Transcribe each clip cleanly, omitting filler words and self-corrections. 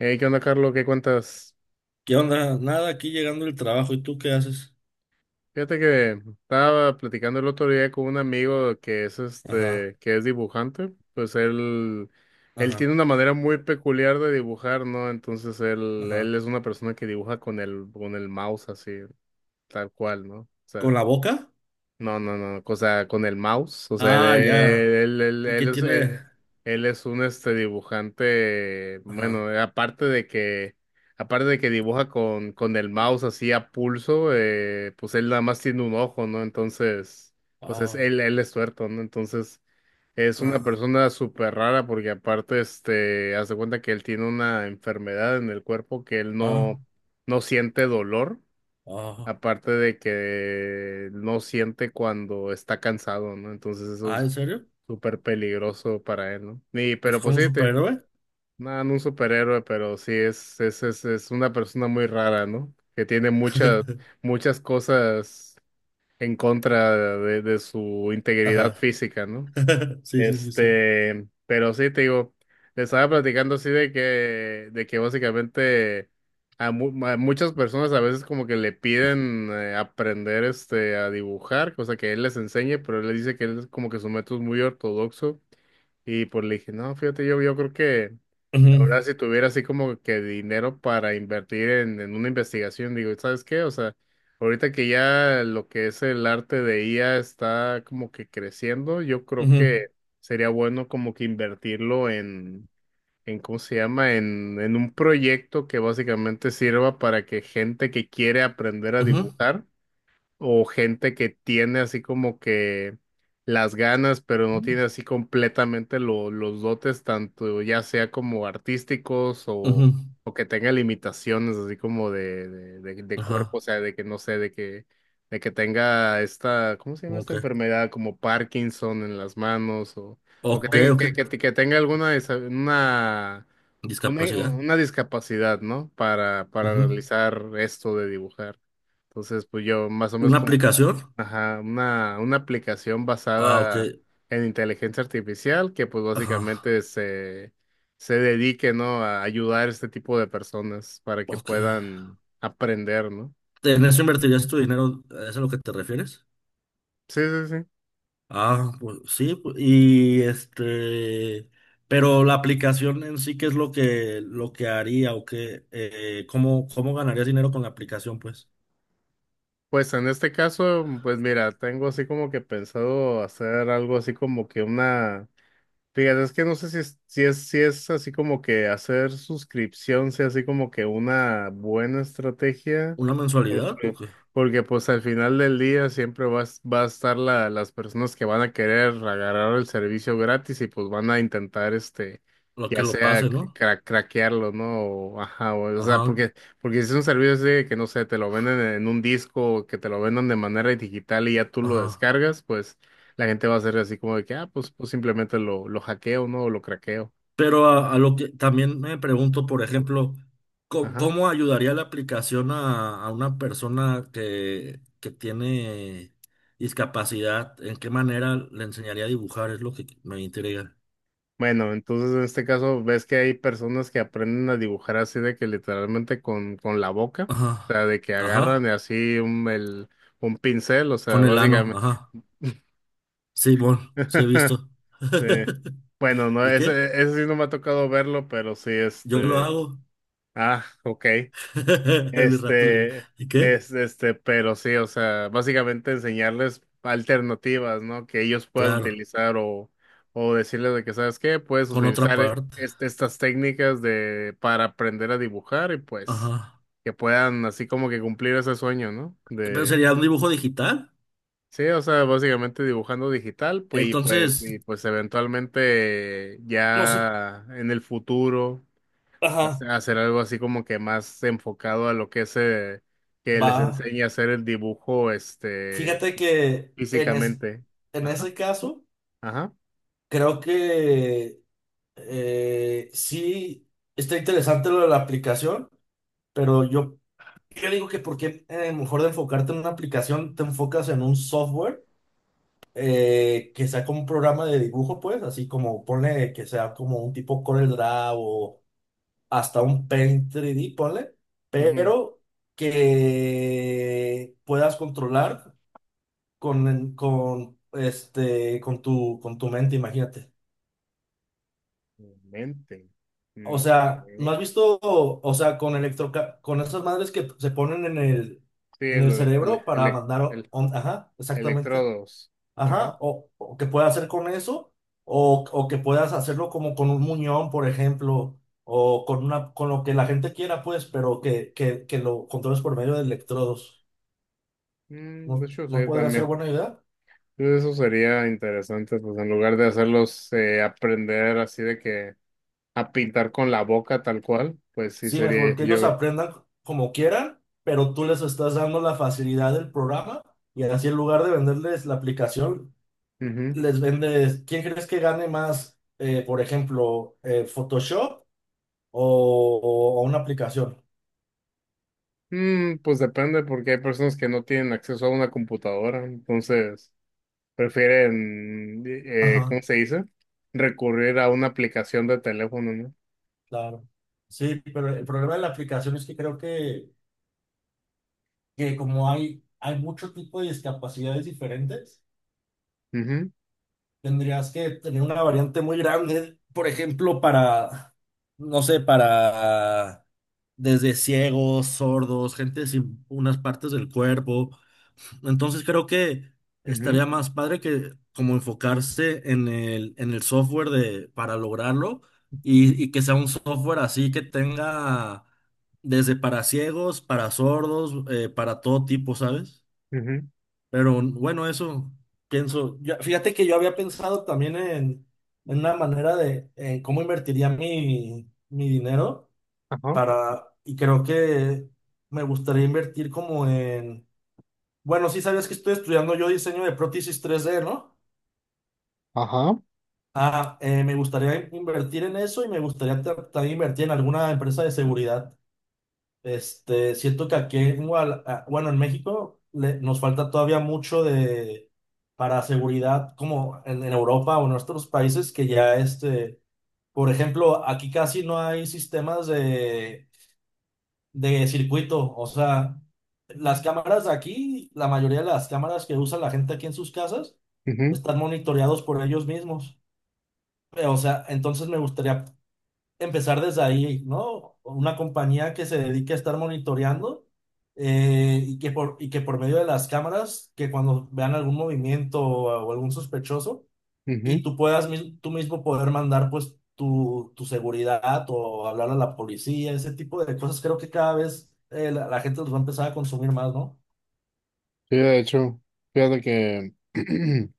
Hey, ¿qué onda, Carlos? ¿Qué cuentas? ¿Qué onda? Nada, aquí llegando el trabajo. ¿Y tú qué haces? Fíjate que estaba platicando el otro día con un amigo que Ajá, que es dibujante. Pues él ajá, tiene una manera muy peculiar de dibujar, ¿no? Entonces él, ajá. él es una persona que dibuja con el mouse así, tal cual, ¿no? O ¿Con sea. la boca? No, no, no, o sea, con el mouse, o sea, Ah, ya. él, él, él- ¿Y él qué es, tiene? Él es un dibujante, Ajá. bueno, aparte de que dibuja con el mouse así a pulso, pues él nada más tiene un ojo, ¿no? Entonces, pues es, Ah, él es tuerto, ¿no? Entonces, es una ah, persona súper rara porque aparte, hace cuenta que él tiene una enfermedad en el cuerpo que él ah, no, no siente dolor. ah. Aparte de que no siente cuando está cansado, ¿no? Entonces eso Ah, ¿en es serio? súper peligroso para él, ¿no? Y, ¿Es pero pues como un sí, te, superhéroe? no, no un superhéroe, pero sí es una persona muy rara, ¿no? Que tiene muchas, muchas cosas en contra de su integridad Ajá. física, ¿no? Sí, sí, sí, sí. Pero sí, te digo, le estaba platicando así de que básicamente a, a muchas personas a veces como que le piden aprender a dibujar, cosa que él les enseñe, pero él les dice que él es como que su método es muy ortodoxo y pues le dije, no, fíjate, yo creo que ahora, Ujú, si tuviera así como que dinero para invertir en una investigación, digo, ¿sabes qué? O sea, ahorita que ya lo que es el arte de IA está como que creciendo, yo creo ujú, que sería bueno como que invertirlo en ¿cómo se llama? En un proyecto que básicamente sirva para que gente que quiere aprender a ujú, dibujar o gente que tiene así como que las ganas, pero no tiene así completamente los dotes, tanto ya sea como artísticos ujú. o que tenga limitaciones así como de cuerpo, o Ajá. sea, de que no sé, de que tenga esta, ¿cómo se llama ¿Cómo esta que? enfermedad? Como Parkinson en las manos o que Ok, tenga, ok. Que tenga alguna, una... Discapacidad. una discapacidad, ¿no? Para Ujú. realizar esto de dibujar. Entonces, pues yo más o menos ¿Una como que, aplicación? ajá, una aplicación Ah, ok. basada en inteligencia artificial que pues Ajá. básicamente se, se dedique, ¿no? A ayudar a este tipo de personas para que Ok. puedan aprender, ¿no? ¿En eso invertirías tu dinero? ¿Es a lo que te refieres? Sí, sí, sí. Ah, pues sí, pero la aplicación en sí, ¿qué es lo que haría o qué, cómo, cómo ganarías dinero con la aplicación, pues? Pues en este caso, pues mira, tengo así como que pensado hacer algo así como que una... Fíjate, es que no sé si es así como que hacer suscripción sea así como que una buena estrategia, ¿Una mensualidad o porque, qué? porque, pues al final del día siempre vas, va a estar las personas que van a querer agarrar el servicio gratis y pues van a intentar Lo que ya lo sea pase, ¿no? Craquearlo, ¿no? O, ajá, o sea, Ajá, porque, porque si es un servicio así de que no sé, te lo venden en un disco, que te lo vendan de manera digital y ya tú lo ajá. descargas, pues. La gente va a ser así como de que, ah, pues, pues simplemente lo hackeo, ¿no? O lo craqueo. Pero a lo que también me pregunto, por ejemplo, ¿cómo, Ajá. cómo ayudaría la aplicación a una persona que tiene discapacidad? ¿En qué manera le enseñaría a dibujar? Es lo que me intriga. Bueno, entonces en este caso ves que hay personas que aprenden a dibujar así de que literalmente con la boca, Ajá, o sea, de que agarran ajá. así un, el, un pincel, o sea, Con el ano, básicamente. ajá. Sí, bueno, sí he visto. Sí. Bueno, no, ¿Y qué? ese sí no me ha tocado verlo, pero sí, Yo lo este. hago. Ah, ok. Mi rato libre. Este, ¿Y qué? es, pero sí, o sea, básicamente enseñarles alternativas, ¿no? Que ellos puedan Claro, utilizar o decirles de que, ¿sabes qué? Puedes con otra utilizar parte. Estas técnicas de, para aprender a dibujar y pues Ajá. que puedan así como que cumplir ese sueño, ¿no? Pero De, sería un dibujo digital. sí, o sea, básicamente dibujando digital, pues, y pues, Entonces, y pues eventualmente no sé. ya en el futuro Ajá, hacer algo así como que más enfocado a lo que es que les va. enseñe a hacer el dibujo Fíjate que físicamente. en Ajá, ese caso, ajá. creo que sí está interesante lo de la aplicación, pero yo. Yo digo que porque mejor de enfocarte en una aplicación, te enfocas en un software que sea como un programa de dibujo, pues, así como ponle que sea como un tipo Corel Draw o hasta un Paint 3D, ponle, Ujú. pero que puedas controlar con tu mente, imagínate. Mente. O Mm, sea, ¿no ok. has visto? O sea, con electro, con esas madres que se ponen Sí, en el el, el, cerebro para elec- mandar, el- ajá, exactamente. electrodos. Ajá, Ajá. O que puedas hacer con eso, o que puedas hacerlo como con un muñón, por ejemplo, o con una, con lo que la gente quiera, pues, pero que lo controles por medio de electrodos. Mm, de ¿No, hecho, sí, no podría ser también. buena idea? Eso sería interesante, pues en lugar de hacerlos aprender así de que a pintar con la boca tal cual, pues sí Sí, mejor sería que yo. ellos aprendan como quieran, pero tú les estás dando la facilidad del programa, y así en lugar de venderles la aplicación, Ujú. les vendes. ¿Quién crees que gane más, por ejemplo, Photoshop o, o una aplicación? Mm, pues depende, porque hay personas que no tienen acceso a una computadora, entonces prefieren, Ajá. ¿cómo se dice? Recurrir a una aplicación de teléfono, ¿no? Claro. Sí, pero el problema de la aplicación es que creo que como hay mucho tipo de discapacidades diferentes, Ujú, tendrías que tener una variante muy grande, por ejemplo, para, no sé, para desde ciegos, sordos, gente sin unas partes del cuerpo. Entonces creo que estaría más padre que como enfocarse en el software de, para lograrlo, y que sea un software así que tenga desde para ciegos, para sordos, para todo tipo, ¿sabes? ujú, ujú, Pero bueno, eso pienso. Fíjate que yo había pensado también en una manera de en cómo invertiría mi, mi dinero ajá, para, y creo que me gustaría invertir como, bueno, sí sabías que estoy estudiando yo diseño de prótesis 3D, ¿no? ajá, Ah, me gustaría invertir en eso y me gustaría también invertir en alguna empresa de seguridad. Siento que aquí en ah, bueno, en México nos falta todavía mucho de para seguridad, como en Europa o en nuestros países que ya este, por ejemplo, aquí casi no hay sistemas de circuito. O sea, las cámaras de aquí, la mayoría de las cámaras que usa la gente aquí en sus casas, ujú, están monitoreados por ellos mismos. O sea, entonces me gustaría empezar desde ahí, ¿no? Una compañía que se dedique a estar monitoreando y que por medio de las cámaras, que cuando vean algún movimiento o algún sospechoso, y ujú. tú puedas tú mismo poder mandar pues tu seguridad o hablar a la policía, ese tipo de cosas. Creo que cada vez la, la gente los va a empezar a consumir más, ¿no? Sí, de hecho, fíjate que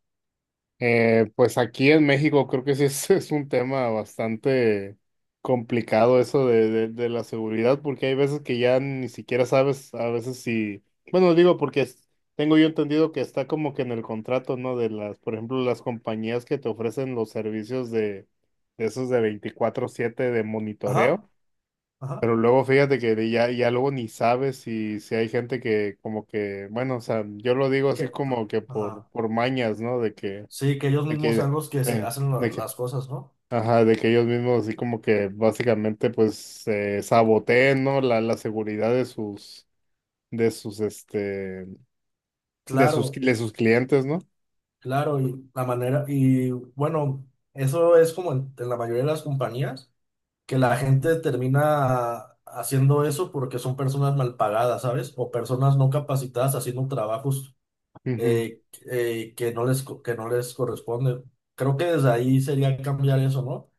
Pues aquí en México creo que sí es, es un tema bastante complicado eso de la seguridad, porque hay veces que ya ni siquiera sabes, a veces si, bueno, digo porque tengo yo entendido que está como que en el contrato, ¿no? De las, por ejemplo, las compañías que te ofrecen los servicios de esos de 24/7 de monitoreo. Ajá, ajá, Pero luego fíjate que de ya, ya luego ni sabes si, si hay gente que como que, bueno, o sea, yo lo digo así que, como que ajá. por mañas, ¿no? Sí, que ellos de mismos que, sean los que se hacen la- de que, las cosas, ¿no? ajá, de que ellos mismos así como que básicamente pues saboteen, ¿no? La seguridad de sus, de sus, este, de sus, Claro, de sus clientes, ¿no? claro, y la manera, y bueno, eso es como en la mayoría de las compañías, que la gente termina haciendo eso porque son personas mal pagadas, ¿sabes? O personas no capacitadas haciendo trabajos Ujú, eh, que no les, que no les corresponde. Creo que desde ahí sería cambiar eso, ¿no?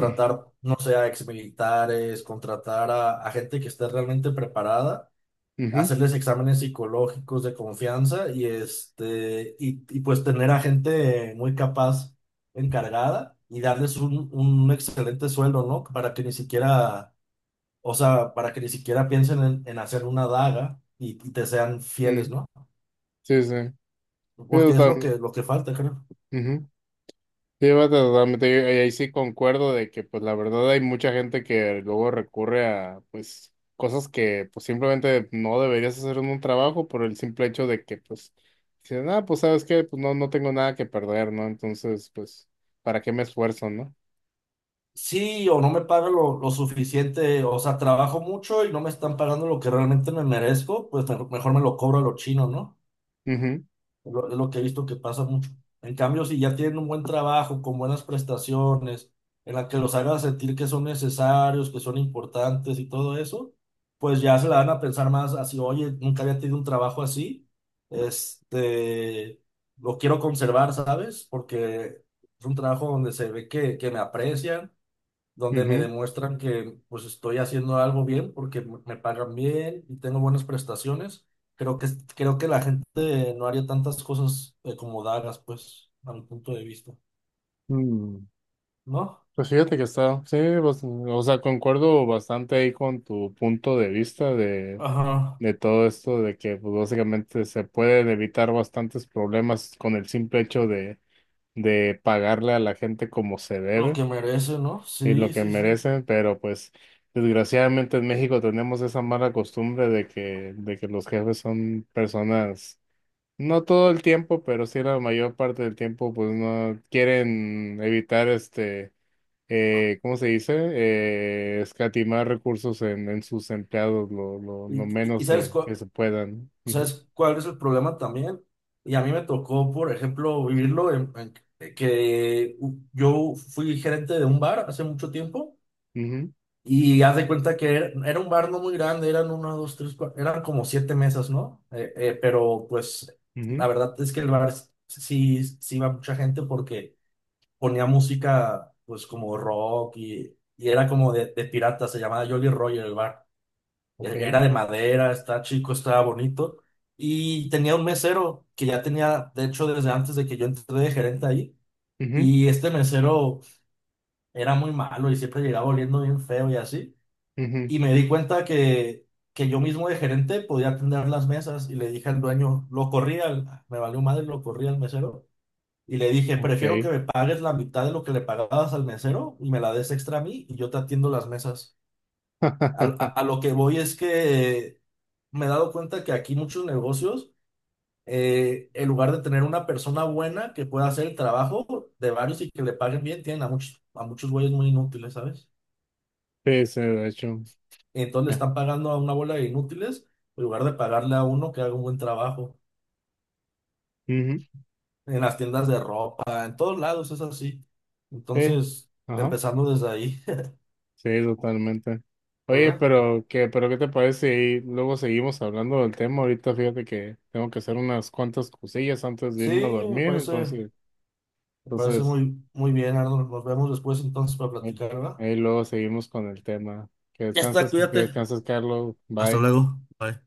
ujú, no sé, a exmilitares, contratar a gente que esté realmente preparada, ujú, hacerles exámenes psicológicos de confianza y, y pues tener a gente muy capaz encargada y darles un excelente sueldo, ¿no? Para que ni siquiera, o sea, para que ni siquiera piensen en hacer una daga y te sean fieles, ujú. ¿no? Sí, sí. Sí, Porque es total. Lo que falta, creo. Sí, va totalmente, yo- y ahí sí concuerdo de que pues la verdad hay mucha gente que luego recurre a pues cosas que pues simplemente no deberías hacer en un trabajo por el simple hecho de que pues dicen, ah, pues sabes qué, pues no tengo nada que perder, ¿no? Entonces, pues, ¿para qué me esfuerzo, no? Sí, o no me pagan lo suficiente. O sea, trabajo mucho y no me están pagando lo que realmente me merezco, pues mejor me lo cobro a los chinos, ¿no? Ujú, Lo, es lo que he visto que pasa mucho. En cambio, si ya tienen un buen trabajo, con buenas prestaciones, en la que los hagan sentir que son necesarios, que son importantes y todo eso, pues ya se la van a pensar más así, oye, nunca había tenido un trabajo así, este, lo quiero conservar, ¿sabes? Porque es un trabajo donde se ve que me aprecian, donde me ujú. demuestran que pues estoy haciendo algo bien porque me pagan bien y tengo buenas prestaciones. Creo que, creo que la gente no haría tantas cosas como dagas, pues, a mi punto de vista, Mm, ¿no? pues fíjate que está, sí, o sea, concuerdo bastante ahí con tu punto de vista Ajá, de todo esto, de que pues, básicamente se pueden evitar bastantes problemas con el simple hecho de pagarle a la gente como se lo debe que merece, ¿no? y lo Sí, que sí, sí. merecen, pero pues desgraciadamente en México tenemos esa mala costumbre de que los jefes son personas, no todo el tiempo, pero sí la mayor parte del tiempo, pues no quieren evitar este... ¿cómo se dice? Escatimar recursos en sus empleados lo Y menos de, que se puedan. sabes cuál es el problema también? Y a mí me tocó, por ejemplo, vivirlo en que yo fui gerente de un bar hace mucho tiempo. Ujú, Y haz de cuenta que era, era un bar no muy grande, eran una, dos, tres, cuatro, eran como siete mesas, ¿no? Pero pues la ujú, verdad es que el bar sí, sí iba mucha gente porque ponía música pues como rock, y era como de pirata, se llamaba Jolly Roger el bar. ok, Era de madera, estaba chico, estaba bonito. Y tenía un mesero que ya tenía, de hecho, desde antes de que yo entré de gerente ahí. ujú, Y este mesero era muy malo y siempre llegaba oliendo bien feo y así. ujú, Y me di cuenta que yo mismo de gerente podía atender las mesas, y le dije al dueño, lo corrí al, me valió madre, lo corrí al mesero, y le dije, prefiero que ok. me pagues la mitad de lo que le pagabas al mesero y me la des extra a mí y yo te atiendo las mesas. A lo que voy es que me he dado cuenta que aquí muchos negocios, en lugar de tener una persona buena que pueda hacer el trabajo de varios y que le paguen bien, tienen a muchos güeyes muy inútiles, ¿sabes? Sí, sí, de hecho. Entonces le Eh, están pagando a una bola de inútiles en lugar de pagarle a uno que haga un buen trabajo. ujú, En las tiendas de ropa, en todos lados es así. sí, Entonces, ajá, empezando desde ahí, sí, totalmente. Oye, ¿verdad? Pero qué te parece si luego seguimos hablando del tema. Ahorita fíjate que tengo que hacer unas cuantas cosillas antes de Sí, irme a me dormir, parece, entonces, me parece entonces, muy, muy bien, Arnold. Nos vemos después entonces para ahí platicar, ¿verdad? ahí luego seguimos con el tema. Ya está, Que cuídate. descanses, Carlos. Hasta Bye. luego. Bye.